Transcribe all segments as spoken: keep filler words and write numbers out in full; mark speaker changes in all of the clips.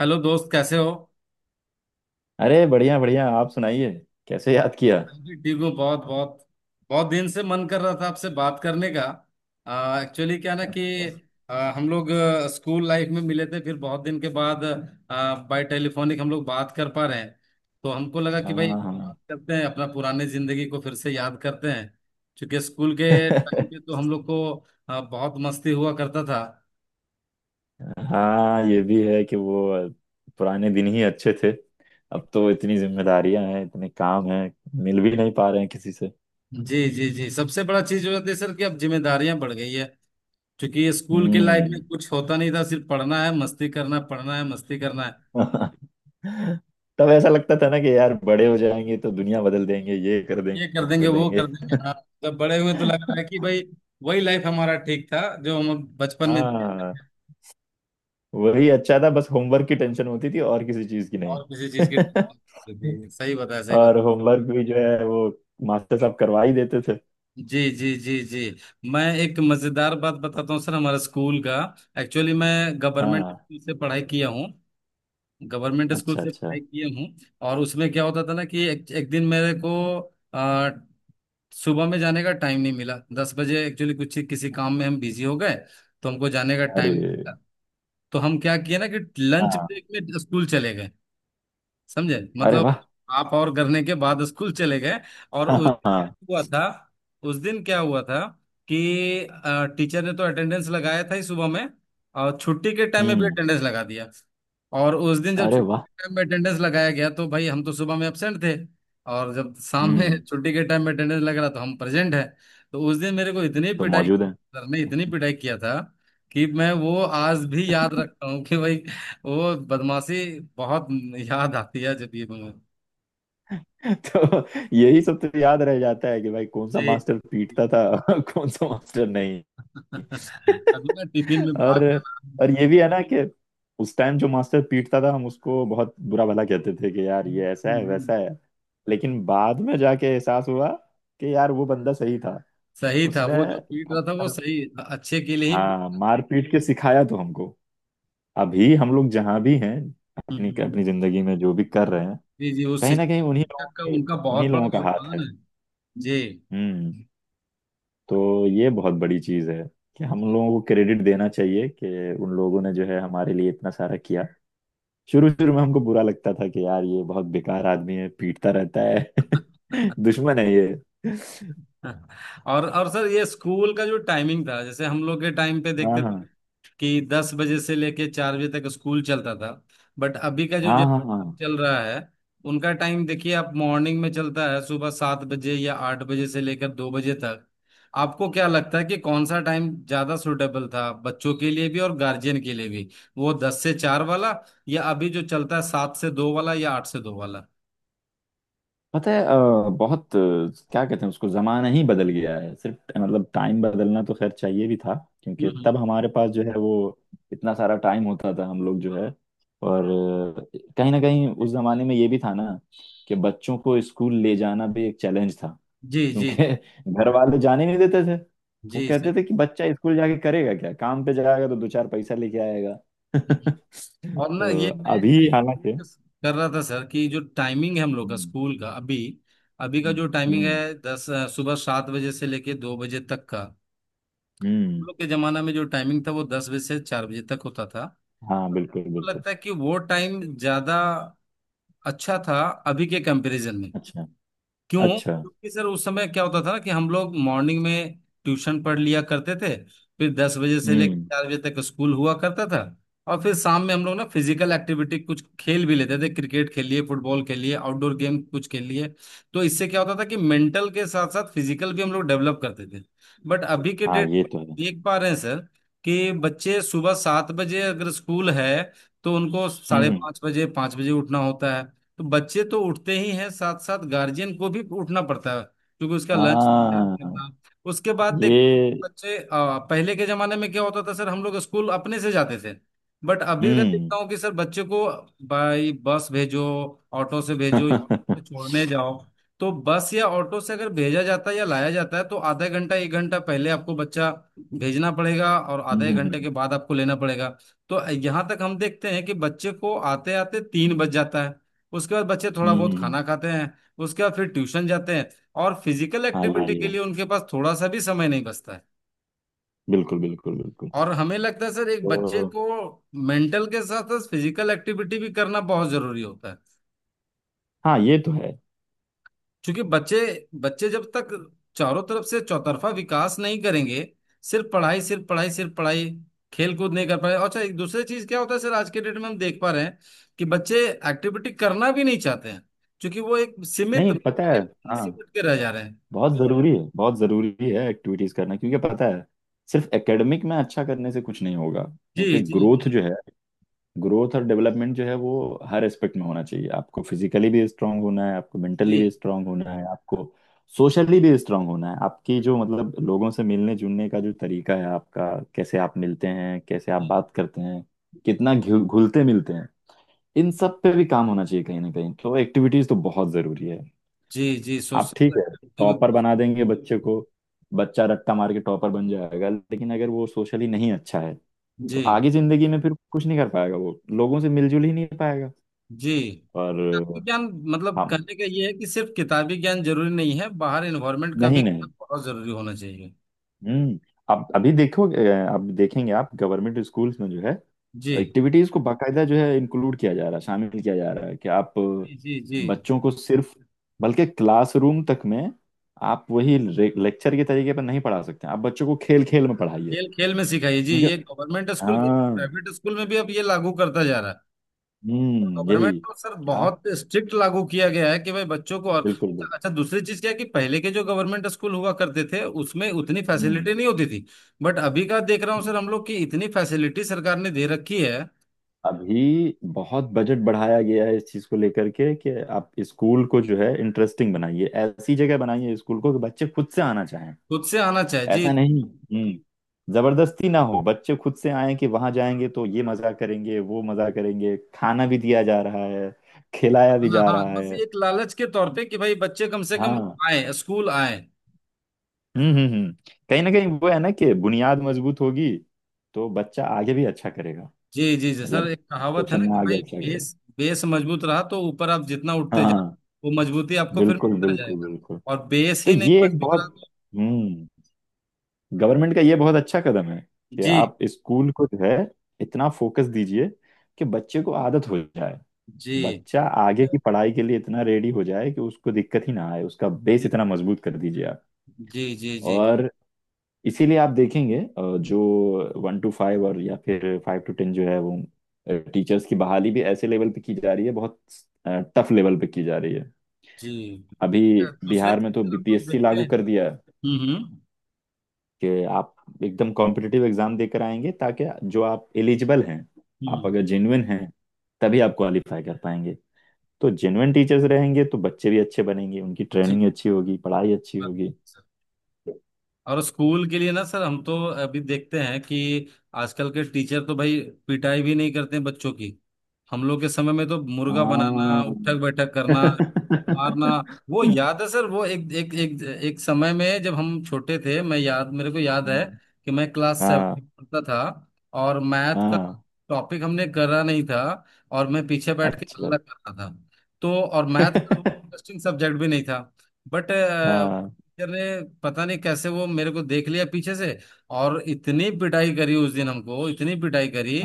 Speaker 1: Hello दोस्त, कैसे हो।
Speaker 2: अरे बढ़िया बढ़िया, आप सुनाइए। कैसे याद किया?
Speaker 1: मैं भी ठीक हूँ, बहुत बहुत। बहुत दिन से मन कर रहा था आपसे बात करने का। एक्चुअली क्या ना कि
Speaker 2: अच्छा।
Speaker 1: आ, हम लोग आ, स्कूल लाइफ में मिले थे, फिर बहुत दिन के बाद आ, बाय टेलीफोनिक हम लोग बात कर पा रहे हैं। तो हमको लगा कि
Speaker 2: हाँ।
Speaker 1: भाई
Speaker 2: हाँ,
Speaker 1: बात करते हैं, अपना पुराने जिंदगी को फिर से याद करते हैं। क्योंकि स्कूल के टाइम पे तो हम लोग को आ, बहुत मस्ती हुआ करता था।
Speaker 2: हाँ, ये भी है कि वो पुराने दिन ही अच्छे थे। अब तो इतनी जिम्मेदारियां हैं, इतने काम हैं। मिल भी नहीं पा रहे हैं किसी से।
Speaker 1: जी जी जी, सबसे बड़ा चीज हो जाती है सर कि अब जिम्मेदारियां बढ़ गई है। क्योंकि स्कूल के लाइफ में
Speaker 2: हम्म।
Speaker 1: कुछ होता नहीं था, सिर्फ पढ़ना है मस्ती करना है, पढ़ना है मस्ती करना है।
Speaker 2: तब ऐसा लगता था ना कि यार बड़े हो जाएंगे तो दुनिया बदल देंगे, ये कर देंगे,
Speaker 1: ये कर
Speaker 2: वो कर
Speaker 1: देंगे वो
Speaker 2: देंगे।
Speaker 1: कर देंगे, हाँ। मतलब बड़े हुए तो लग रहा है कि भाई वही लाइफ हमारा ठीक था जो हम बचपन में जिए
Speaker 2: हाँ,
Speaker 1: थे।
Speaker 2: वही अच्छा था, बस होमवर्क की टेंशन होती थी और किसी चीज की नहीं।
Speaker 1: और किसी चीज की। जी, सही बताया सही
Speaker 2: और
Speaker 1: बताया।
Speaker 2: होमवर्क भी जो है वो मास्टर साहब करवा ही देते थे।
Speaker 1: जी जी जी जी, मैं एक मजेदार बात बताता हूँ सर हमारे स्कूल का। एक्चुअली मैं गवर्नमेंट
Speaker 2: हाँ।
Speaker 1: स्कूल से पढ़ाई किया हूँ। गवर्नमेंट स्कूल
Speaker 2: अच्छा
Speaker 1: से
Speaker 2: अच्छा।
Speaker 1: पढ़ाई किया हूँ। और उसमें क्या होता था ना कि एक, एक दिन मेरे को सुबह में जाने का टाइम नहीं मिला, दस बजे एक्चुअली कुछ किसी काम में हम बिजी हो गए। तो हमको जाने का टाइम नहीं
Speaker 2: अरे।
Speaker 1: मिला। तो हम क्या किए ना कि लंच
Speaker 2: हाँ।
Speaker 1: ब्रेक में स्कूल चले गए। समझे
Speaker 2: अरे
Speaker 1: मतलब,
Speaker 2: वाह।
Speaker 1: आप और करने के बाद स्कूल चले गए। और
Speaker 2: हाँ,
Speaker 1: उस
Speaker 2: हाँ,
Speaker 1: दिन क्या
Speaker 2: हाँ।
Speaker 1: हुआ था। उस दिन क्या हुआ था कि अ, टीचर ने तो अटेंडेंस लगाया था ही सुबह में, और छुट्टी के टाइम में भी
Speaker 2: हम्म।
Speaker 1: अटेंडेंस लगा दिया। और उस दिन जब
Speaker 2: अरे
Speaker 1: छुट्टी
Speaker 2: वाह।
Speaker 1: के टाइम में अटेंडेंस लगाया गया तो भाई हम तो सुबह में एबसेंट थे, और जब शाम में
Speaker 2: हम्म।
Speaker 1: छुट्टी के टाइम में अटेंडेंस लग रहा तो हम प्रेजेंट है। तो उस दिन मेरे को इतनी
Speaker 2: तो
Speaker 1: पिटाई,
Speaker 2: मौजूद है।
Speaker 1: सर ने इतनी पिटाई किया था कि मैं वो आज भी याद रखता हूँ कि भाई वो बदमाशी बहुत याद आती है। जब ये बना-
Speaker 2: तो यही सब तो याद रह जाता है कि भाई कौन सा
Speaker 1: जी।
Speaker 2: मास्टर पीटता था कौन सा मास्टर नहीं।
Speaker 1: कभी मैं टिफिन में भाग
Speaker 2: और
Speaker 1: जाना।
Speaker 2: और ये भी है ना कि उस टाइम जो मास्टर पीटता था हम उसको बहुत बुरा भला कहते थे कि यार ये ऐसा है वैसा है। लेकिन बाद में जाके एहसास हुआ कि यार वो बंदा सही था।
Speaker 1: सही था,
Speaker 2: उसने
Speaker 1: वो जो पीट
Speaker 2: कम
Speaker 1: रहा था
Speaker 2: से
Speaker 1: वो
Speaker 2: कम
Speaker 1: सही, अच्छे के लिए ही।
Speaker 2: हाँ, मारपीट के सिखाया तो हमको। अभी हम लोग जहाँ भी हैं,
Speaker 1: हम्म,
Speaker 2: अपनी
Speaker 1: हम्म,
Speaker 2: अपनी जिंदगी में जो भी कर
Speaker 1: हम्म।
Speaker 2: रहे हैं,
Speaker 1: जी जी, उस
Speaker 2: कहीं ना कहीं
Speaker 1: शिक्षक
Speaker 2: उन्हीं लोगों
Speaker 1: शिक्षक का
Speaker 2: की
Speaker 1: उनका बहुत
Speaker 2: उन्हीं लोगों
Speaker 1: बड़ा
Speaker 2: का हाथ है।
Speaker 1: योगदान है। जी
Speaker 2: हम्म। तो ये बहुत बड़ी चीज है कि हम
Speaker 1: जी।
Speaker 2: लोगों को क्रेडिट देना चाहिए कि उन लोगों ने जो है हमारे लिए इतना सारा किया। शुरू शुरू में हमको बुरा लगता था कि यार ये बहुत बेकार आदमी है, पीटता रहता है। दुश्मन है ये।
Speaker 1: और और सर, ये स्कूल का जो टाइमिंग था जैसे हम लोग के टाइम पे
Speaker 2: हाँ,
Speaker 1: देखते
Speaker 2: हाँ,
Speaker 1: कि दस बजे से लेके चार बजे तक स्कूल चलता था। बट अभी का जो
Speaker 2: हाँ। हाँ।
Speaker 1: जनरेशन
Speaker 2: हाँ।
Speaker 1: चल रहा है उनका टाइम देखिए, आप मॉर्निंग में चलता है सुबह सात बजे या आठ बजे से लेकर दो बजे तक। आपको क्या लगता है कि कौन सा टाइम ज्यादा सुटेबल था बच्चों के लिए भी और गार्जियन के लिए भी? वो दस से चार वाला, या अभी जो चलता है सात से दो वाला या आठ से दो वाला?
Speaker 2: पता है, अ, बहुत अ, क्या कहते हैं उसको, जमाना ही बदल गया है। सिर्फ मतलब टाइम बदलना तो खैर चाहिए भी था, क्योंकि
Speaker 1: हम्म।
Speaker 2: तब हमारे पास जो है वो इतना सारा टाइम होता था हम लोग जो है। और अ, कहीं ना कहीं उस जमाने में ये भी था ना कि बच्चों को स्कूल ले जाना भी एक चैलेंज था,
Speaker 1: जी
Speaker 2: क्योंकि
Speaker 1: जी जी
Speaker 2: घर वाले जाने नहीं देते थे। वो
Speaker 1: जी, सही।
Speaker 2: कहते थे कि बच्चा स्कूल जाके करेगा क्या, काम पे जाएगा तो दो चार पैसा लेके आएगा।
Speaker 1: और ना
Speaker 2: तो
Speaker 1: ये मैं मैं
Speaker 2: अभी हालांकि
Speaker 1: focus कर रहा था सर कि जो टाइमिंग है हम लोग का
Speaker 2: हम्म,
Speaker 1: स्कूल का अभी। अभी का
Speaker 2: हम्म,
Speaker 1: जो टाइमिंग
Speaker 2: हम्म,
Speaker 1: है दस अ, सुबह सात बजे से लेके दो बजे तक का। हम
Speaker 2: हम्म।
Speaker 1: लोग के जमाना में जो टाइमिंग था वो दस बजे से चार बजे तक होता था।
Speaker 2: हाँ, बिल्कुल
Speaker 1: तो
Speaker 2: बिल्कुल।
Speaker 1: लगता है कि वो टाइम ज्यादा अच्छा था अभी के कंपैरिजन में।
Speaker 2: अच्छा
Speaker 1: क्यों?
Speaker 2: अच्छा।
Speaker 1: क्योंकि सर, उस समय क्या होता था ना कि हम लोग मॉर्निंग में ट्यूशन पढ़ लिया करते थे, फिर दस बजे से लेकर
Speaker 2: हम्म।
Speaker 1: चार बजे तक स्कूल हुआ करता था। और फिर शाम में हम लोग ना फिजिकल एक्टिविटी कुछ खेल भी लेते थे, क्रिकेट खेल लिए, फुटबॉल खेल लिए, आउटडोर गेम कुछ खेल लिए। तो इससे क्या होता था कि मेंटल के साथ साथ फिजिकल भी हम लोग डेवलप करते थे। बट अभी के
Speaker 2: हाँ
Speaker 1: डेट
Speaker 2: ये तो है।
Speaker 1: देख पा रहे हैं सर कि बच्चे सुबह सात बजे अगर स्कूल है तो उनको साढ़े
Speaker 2: हम्म।
Speaker 1: पाँच बजे पाँच बजे उठना होता है। तो बच्चे तो उठते ही हैं, साथ साथ गार्जियन को भी उठना पड़ता है क्योंकि उसका लंच तैयार
Speaker 2: हाँ
Speaker 1: करना। उसके बाद देखो
Speaker 2: ये।
Speaker 1: बच्चे अ, पहले के जमाने में क्या होता था सर, हम लोग स्कूल अपने से जाते थे। बट अभी का
Speaker 2: हम्म।
Speaker 1: देखता हूँ कि सर बच्चे को बाई बस भेजो, ऑटो से भेजो,
Speaker 2: हम्म,
Speaker 1: छोड़ने जाओ। तो बस या ऑटो से अगर भेजा जाता है या लाया जाता है तो आधा घंटा एक घंटा पहले आपको बच्चा भेजना पड़ेगा और आधा
Speaker 2: हम्म,
Speaker 1: एक घंटे
Speaker 2: हम्म,
Speaker 1: के बाद आपको लेना पड़ेगा। तो यहाँ तक हम देखते हैं कि बच्चे को आते आते तीन बज जाता है। उसके बाद बच्चे थोड़ा
Speaker 2: हम्म,
Speaker 1: बहुत
Speaker 2: हम्म।
Speaker 1: खाना खाते हैं। उसके बाद फिर ट्यूशन जाते हैं। और फिजिकल भाई
Speaker 2: हाँ ये
Speaker 1: एक्टिविटी
Speaker 2: भी
Speaker 1: के
Speaker 2: है,
Speaker 1: लिए उनके पास थोड़ा सा भी समय नहीं बचता है।
Speaker 2: बिल्कुल बिल्कुल बिल्कुल।
Speaker 1: और हमें लगता है सर एक बच्चे
Speaker 2: तो
Speaker 1: को मेंटल के साथ साथ फिजिकल एक्टिविटी भी करना बहुत जरूरी होता है।
Speaker 2: हाँ ये तो है।
Speaker 1: क्योंकि बच्चे बच्चे जब तक चारों तरफ से चौतरफा विकास नहीं करेंगे, सिर्फ पढ़ाई सिर्फ पढ़ाई सिर्फ पढ़ाई, खेल कूद नहीं कर पाए। और अच्छा, एक दूसरी चीज क्या होता है सर, आज के डेट में हम देख पा रहे हैं कि बच्चे एक्टिविटी करना भी नहीं चाहते हैं, क्योंकि वो एक सीमित
Speaker 2: नहीं, पता है,
Speaker 1: मोबाइल ही
Speaker 2: हाँ,
Speaker 1: सिमट के रह जा रहे हैं।
Speaker 2: बहुत जरूरी है, बहुत जरूरी है एक्टिविटीज करना, क्योंकि पता है सिर्फ एकेडमिक में अच्छा करने से कुछ नहीं होगा।
Speaker 1: जी
Speaker 2: क्योंकि
Speaker 1: जी जी
Speaker 2: ग्रोथ जो है, ग्रोथ और डेवलपमेंट जो है वो हर एस्पेक्ट में होना चाहिए। आपको फिजिकली भी स्ट्रांग होना है, आपको मेंटली भी
Speaker 1: जी
Speaker 2: स्ट्रांग होना है, आपको सोशली भी स्ट्रांग होना है। आपकी जो मतलब लोगों से मिलने जुलने का जो तरीका है आपका, कैसे आप मिलते हैं, कैसे आप
Speaker 1: जी
Speaker 2: बात करते हैं, कितना घुल- घुलते मिलते हैं, इन सब पे भी काम होना चाहिए कहीं ना कहीं। तो एक्टिविटीज तो बहुत जरूरी है।
Speaker 1: जी जी,
Speaker 2: आप
Speaker 1: सोशल
Speaker 2: ठीक है टॉपर
Speaker 1: एक्टिविटी।
Speaker 2: बना देंगे बच्चे को, बच्चा रट्टा मार के टॉपर बन जाएगा, लेकिन अगर वो सोशली नहीं अच्छा है तो
Speaker 1: जी
Speaker 2: आगे जिंदगी में फिर कुछ नहीं कर पाएगा, वो लोगों से मिलजुल ही नहीं पाएगा।
Speaker 1: जी, किताबी
Speaker 2: और
Speaker 1: ज्ञान, मतलब
Speaker 2: हाँ,
Speaker 1: कहने का ये है कि सिर्फ किताबी ज्ञान जरूरी नहीं है, बाहर एनवायरनमेंट का भी
Speaker 2: नहीं नहीं।
Speaker 1: बहुत जरूरी होना चाहिए।
Speaker 2: हम्म। अब अभी देखो, अ, अब देखेंगे आप गवर्नमेंट स्कूल्स में जो है
Speaker 1: जी
Speaker 2: एक्टिविटीज को बाकायदा जो है इंक्लूड किया जा रहा है, शामिल किया जा रहा है। कि आप अ,
Speaker 1: जी जी जी,
Speaker 2: बच्चों को सिर्फ बल्कि क्लासरूम तक में आप वही लेक्चर के तरीके पर नहीं पढ़ा सकते, आप बच्चों को खेल खेल में पढ़ाइए।
Speaker 1: खेल खेल में सिखाइए जी,
Speaker 2: उनके
Speaker 1: ये गवर्नमेंट स्कूल के
Speaker 2: हाँ।
Speaker 1: प्राइवेट स्कूल में भी अब ये लागू करता जा रहा है।
Speaker 2: हम्म, यही
Speaker 1: गवर्नमेंट तो सर
Speaker 2: कि आप
Speaker 1: बहुत स्ट्रिक्ट लागू किया गया है कि भाई बच्चों को। और
Speaker 2: बिल्कुल बिल्कुल।
Speaker 1: अच्छा, दूसरी चीज क्या है कि पहले के जो गवर्नमेंट स्कूल हुआ करते थे उसमें उतनी
Speaker 2: हम्म,
Speaker 1: फैसिलिटी नहीं होती थी, बट अभी का देख रहा हूँ
Speaker 2: हम्म।
Speaker 1: सर हम लोग की इतनी फैसिलिटी सरकार ने दे रखी है।
Speaker 2: अभी बहुत बजट बढ़ाया गया है इस चीज को लेकर के कि आप स्कूल को जो है इंटरेस्टिंग बनाइए, ऐसी जगह बनाइए स्कूल को कि बच्चे खुद से आना चाहें।
Speaker 1: खुद से आना चाहिए जी।
Speaker 2: ऐसा नहीं हम्म जबरदस्ती ना हो, बच्चे खुद से आए कि वहां जाएंगे तो ये मजा करेंगे, वो मजा करेंगे। खाना भी दिया जा रहा है, खिलाया भी
Speaker 1: हाँ
Speaker 2: जा
Speaker 1: हाँ,
Speaker 2: रहा
Speaker 1: बस
Speaker 2: है।
Speaker 1: एक लालच के तौर पे कि भाई बच्चे कम से कम
Speaker 2: हाँ।
Speaker 1: आए, स्कूल आए।
Speaker 2: हम्म, हम्म, हम्म, कहीं ना कहीं वो है ना कि बुनियाद मजबूत होगी तो बच्चा आगे भी अच्छा करेगा।
Speaker 1: जी जी जी सर,
Speaker 2: मतलब
Speaker 1: एक कहावत है
Speaker 2: क्वेश्चन
Speaker 1: ना
Speaker 2: में
Speaker 1: कि
Speaker 2: आगे
Speaker 1: भाई
Speaker 2: अच्छा करेगा।
Speaker 1: बेस बेस मजबूत रहा तो ऊपर आप जितना उठते जाए,
Speaker 2: हाँ,
Speaker 1: वो मजबूती आपको फिर
Speaker 2: बिल्कुल
Speaker 1: मिलता
Speaker 2: बिल्कुल
Speaker 1: जाएगा।
Speaker 2: बिल्कुल।
Speaker 1: और बेस
Speaker 2: तो
Speaker 1: ही नहीं
Speaker 2: ये एक
Speaker 1: मजबूत
Speaker 2: बहुत
Speaker 1: रहा तो।
Speaker 2: हम्म, गवर्नमेंट का ये बहुत अच्छा कदम है कि
Speaker 1: जी
Speaker 2: आप स्कूल को जो है इतना फोकस दीजिए कि बच्चे को आदत हो जाए,
Speaker 1: जी
Speaker 2: बच्चा
Speaker 1: जी
Speaker 2: आगे की पढ़ाई के लिए इतना रेडी हो जाए कि उसको दिक्कत ही ना आए, उसका बेस इतना मजबूत कर दीजिए आप।
Speaker 1: जी जी
Speaker 2: और इसीलिए आप देखेंगे अ, जो वन टू फाइव और या फिर फाइव टू टेन जो है वो टीचर्स की बहाली भी ऐसे लेवल पे की जा रही है, बहुत टफ लेवल पे की जा रही है
Speaker 1: जी।
Speaker 2: अभी।
Speaker 1: दूसरे
Speaker 2: बिहार में तो
Speaker 1: चैनल हम लोग
Speaker 2: बी पी एस सी
Speaker 1: देखते
Speaker 2: लागू
Speaker 1: हैं।
Speaker 2: कर दिया
Speaker 1: हम्म
Speaker 2: है,
Speaker 1: हम्म
Speaker 2: कि आप एकदम कॉम्पिटिटिव एग्जाम देकर आएंगे, ताकि जो आप एलिजिबल हैं, आप
Speaker 1: हम्म,
Speaker 2: अगर जेन्युइन हैं तभी आप क्वालिफाई कर पाएंगे। तो जेन्युइन टीचर्स रहेंगे तो बच्चे भी अच्छे बनेंगे, उनकी
Speaker 1: जी।
Speaker 2: ट्रेनिंग अच्छी होगी, पढ़ाई अच्छी
Speaker 1: हाँ।
Speaker 2: होगी।
Speaker 1: और स्कूल के लिए ना सर, हम तो अभी देखते हैं कि आजकल के टीचर तो भाई पिटाई भी नहीं करते बच्चों की। हम लोग के समय में तो मुर्गा बनाना,
Speaker 2: हाँ।
Speaker 1: उठक बैठक करना, मारना। वो याद है सर, वो एक एक एक एक समय में जब हम छोटे थे मैं याद मेरे को याद है कि मैं क्लास सेवन
Speaker 2: हाँ,
Speaker 1: पढ़ता था, और मैथ का
Speaker 2: हाँ।
Speaker 1: टॉपिक हमने करा नहीं था और मैं पीछे बैठ के
Speaker 2: अच्छा।
Speaker 1: हल्ला कर रहा था। तो और मैथ का इंटरेस्टिंग सब्जेक्ट भी नहीं था। बट
Speaker 2: हाँ।
Speaker 1: अरे पता नहीं कैसे वो मेरे को देख लिया पीछे से, और इतनी पिटाई करी उस दिन, हमको इतनी पिटाई करी,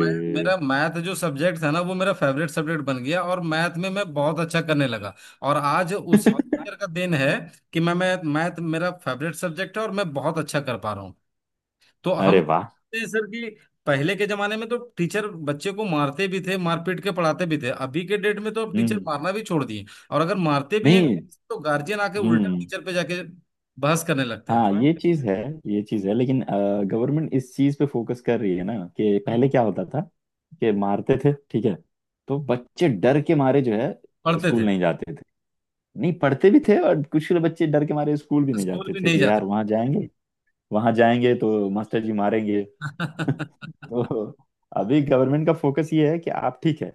Speaker 1: मैं, मेरा मैथ जो सब्जेक्ट था ना वो मेरा फेवरेट सब्जेक्ट बन गया और मैथ में मैं बहुत अच्छा करने लगा। और आज उसी टीचर का दिन है कि मैं मैं मैथ मेरा फेवरेट सब्जेक्ट है और मैं बहुत अच्छा कर पा रहा हूँ। तो हम
Speaker 2: अरे वाह।
Speaker 1: ये सर कि पहले के जमाने में तो टीचर बच्चे को मारते भी थे, मारपीट के पढ़ाते भी थे, अभी के डेट में तो अब टीचर
Speaker 2: हम्म।
Speaker 1: मारना भी छोड़ दिए। और अगर मारते भी हैं
Speaker 2: नहीं।
Speaker 1: तो गार्जियन आके उल्टा
Speaker 2: हम्म।
Speaker 1: टीचर पे जाके बहस करने लगते
Speaker 2: हाँ,
Speaker 1: हैं।
Speaker 2: हाँ, ये चीज है, ये चीज है, लेकिन गवर्नमेंट इस चीज पे फोकस कर रही है ना कि पहले
Speaker 1: हम्म।
Speaker 2: क्या होता था कि मारते थे ठीक है, तो बच्चे डर के मारे जो है
Speaker 1: पढ़ते
Speaker 2: स्कूल
Speaker 1: थे।
Speaker 2: नहीं जाते थे। नहीं पढ़ते भी थे और कुछ बच्चे डर के मारे स्कूल भी नहीं
Speaker 1: स्कूल
Speaker 2: जाते
Speaker 1: भी
Speaker 2: थे
Speaker 1: नहीं
Speaker 2: कि
Speaker 1: जाते।
Speaker 2: यार वहां जाएंगे, वहां जाएंगे तो मास्टर जी मारेंगे। तो अभी गवर्नमेंट का फोकस ये है कि आप ठीक है,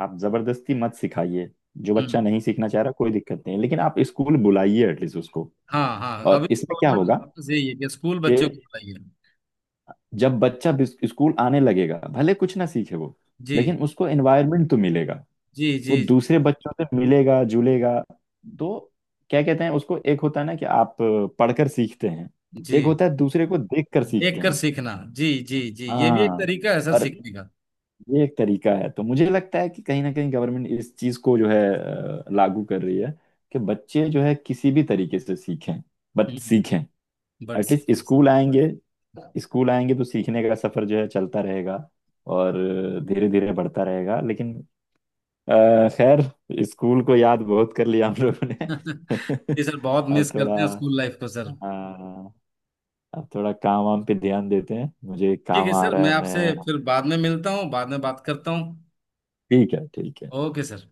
Speaker 2: आप जबरदस्ती मत सिखाइए। जो
Speaker 1: हम्म।
Speaker 2: बच्चा नहीं सीखना चाह रहा कोई दिक्कत नहीं है, लेकिन आप स्कूल बुलाइए एटलीस्ट उसको।
Speaker 1: हाँ हाँ,
Speaker 2: और
Speaker 1: अभी तो
Speaker 2: इसमें क्या होगा
Speaker 1: गवर्नमेंट यही है कि स्कूल
Speaker 2: कि
Speaker 1: बच्चों को पढ़ाइए।
Speaker 2: जब बच्चा बिस- स्कूल आने लगेगा भले कुछ ना सीखे वो,
Speaker 1: जी
Speaker 2: लेकिन उसको एनवायरनमेंट तो मिलेगा,
Speaker 1: जी
Speaker 2: वो
Speaker 1: जी
Speaker 2: दूसरे बच्चों से मिलेगा जुलेगा। तो क्या कहते हैं उसको, एक होता है ना कि आप अ, पढ़कर सीखते हैं,
Speaker 1: जी,
Speaker 2: एक होता है दूसरे को देखकर
Speaker 1: देख
Speaker 2: सीखते
Speaker 1: कर
Speaker 2: हैं।
Speaker 1: सीखना, जी जी जी, ये भी एक
Speaker 2: हाँ।
Speaker 1: तरीका है सर
Speaker 2: और
Speaker 1: सीखने का।
Speaker 2: ये एक तरीका है, तो मुझे लगता है कि कहीं ना कहीं गवर्नमेंट इस चीज को जो है अ, लागू कर रही है कि बच्चे जो है किसी भी तरीके से सीखें बट सीखें,
Speaker 1: हम्म बट सीख।
Speaker 2: एटलीस्ट स्कूल आएंगे, स्कूल आएंगे तो सीखने का सफर जो है चलता रहेगा और धीरे धीरे बढ़ता रहेगा। लेकिन अ, खैर, स्कूल को याद बहुत कर लिया हम लोगों ने।
Speaker 1: जी सर, बहुत
Speaker 2: अब
Speaker 1: मिस
Speaker 2: थोड़ा
Speaker 1: करते हैं स्कूल लाइफ को सर।
Speaker 2: अ, अब थोड़ा काम वाम पे ध्यान देते हैं, मुझे
Speaker 1: ठीक
Speaker 2: काम
Speaker 1: है
Speaker 2: आ
Speaker 1: सर,
Speaker 2: रहा
Speaker 1: मैं
Speaker 2: है
Speaker 1: आपसे
Speaker 2: मैं।
Speaker 1: फिर बाद में मिलता हूँ, बाद में बात करता हूँ।
Speaker 2: ठीक है ठीक है।
Speaker 1: Okay sir.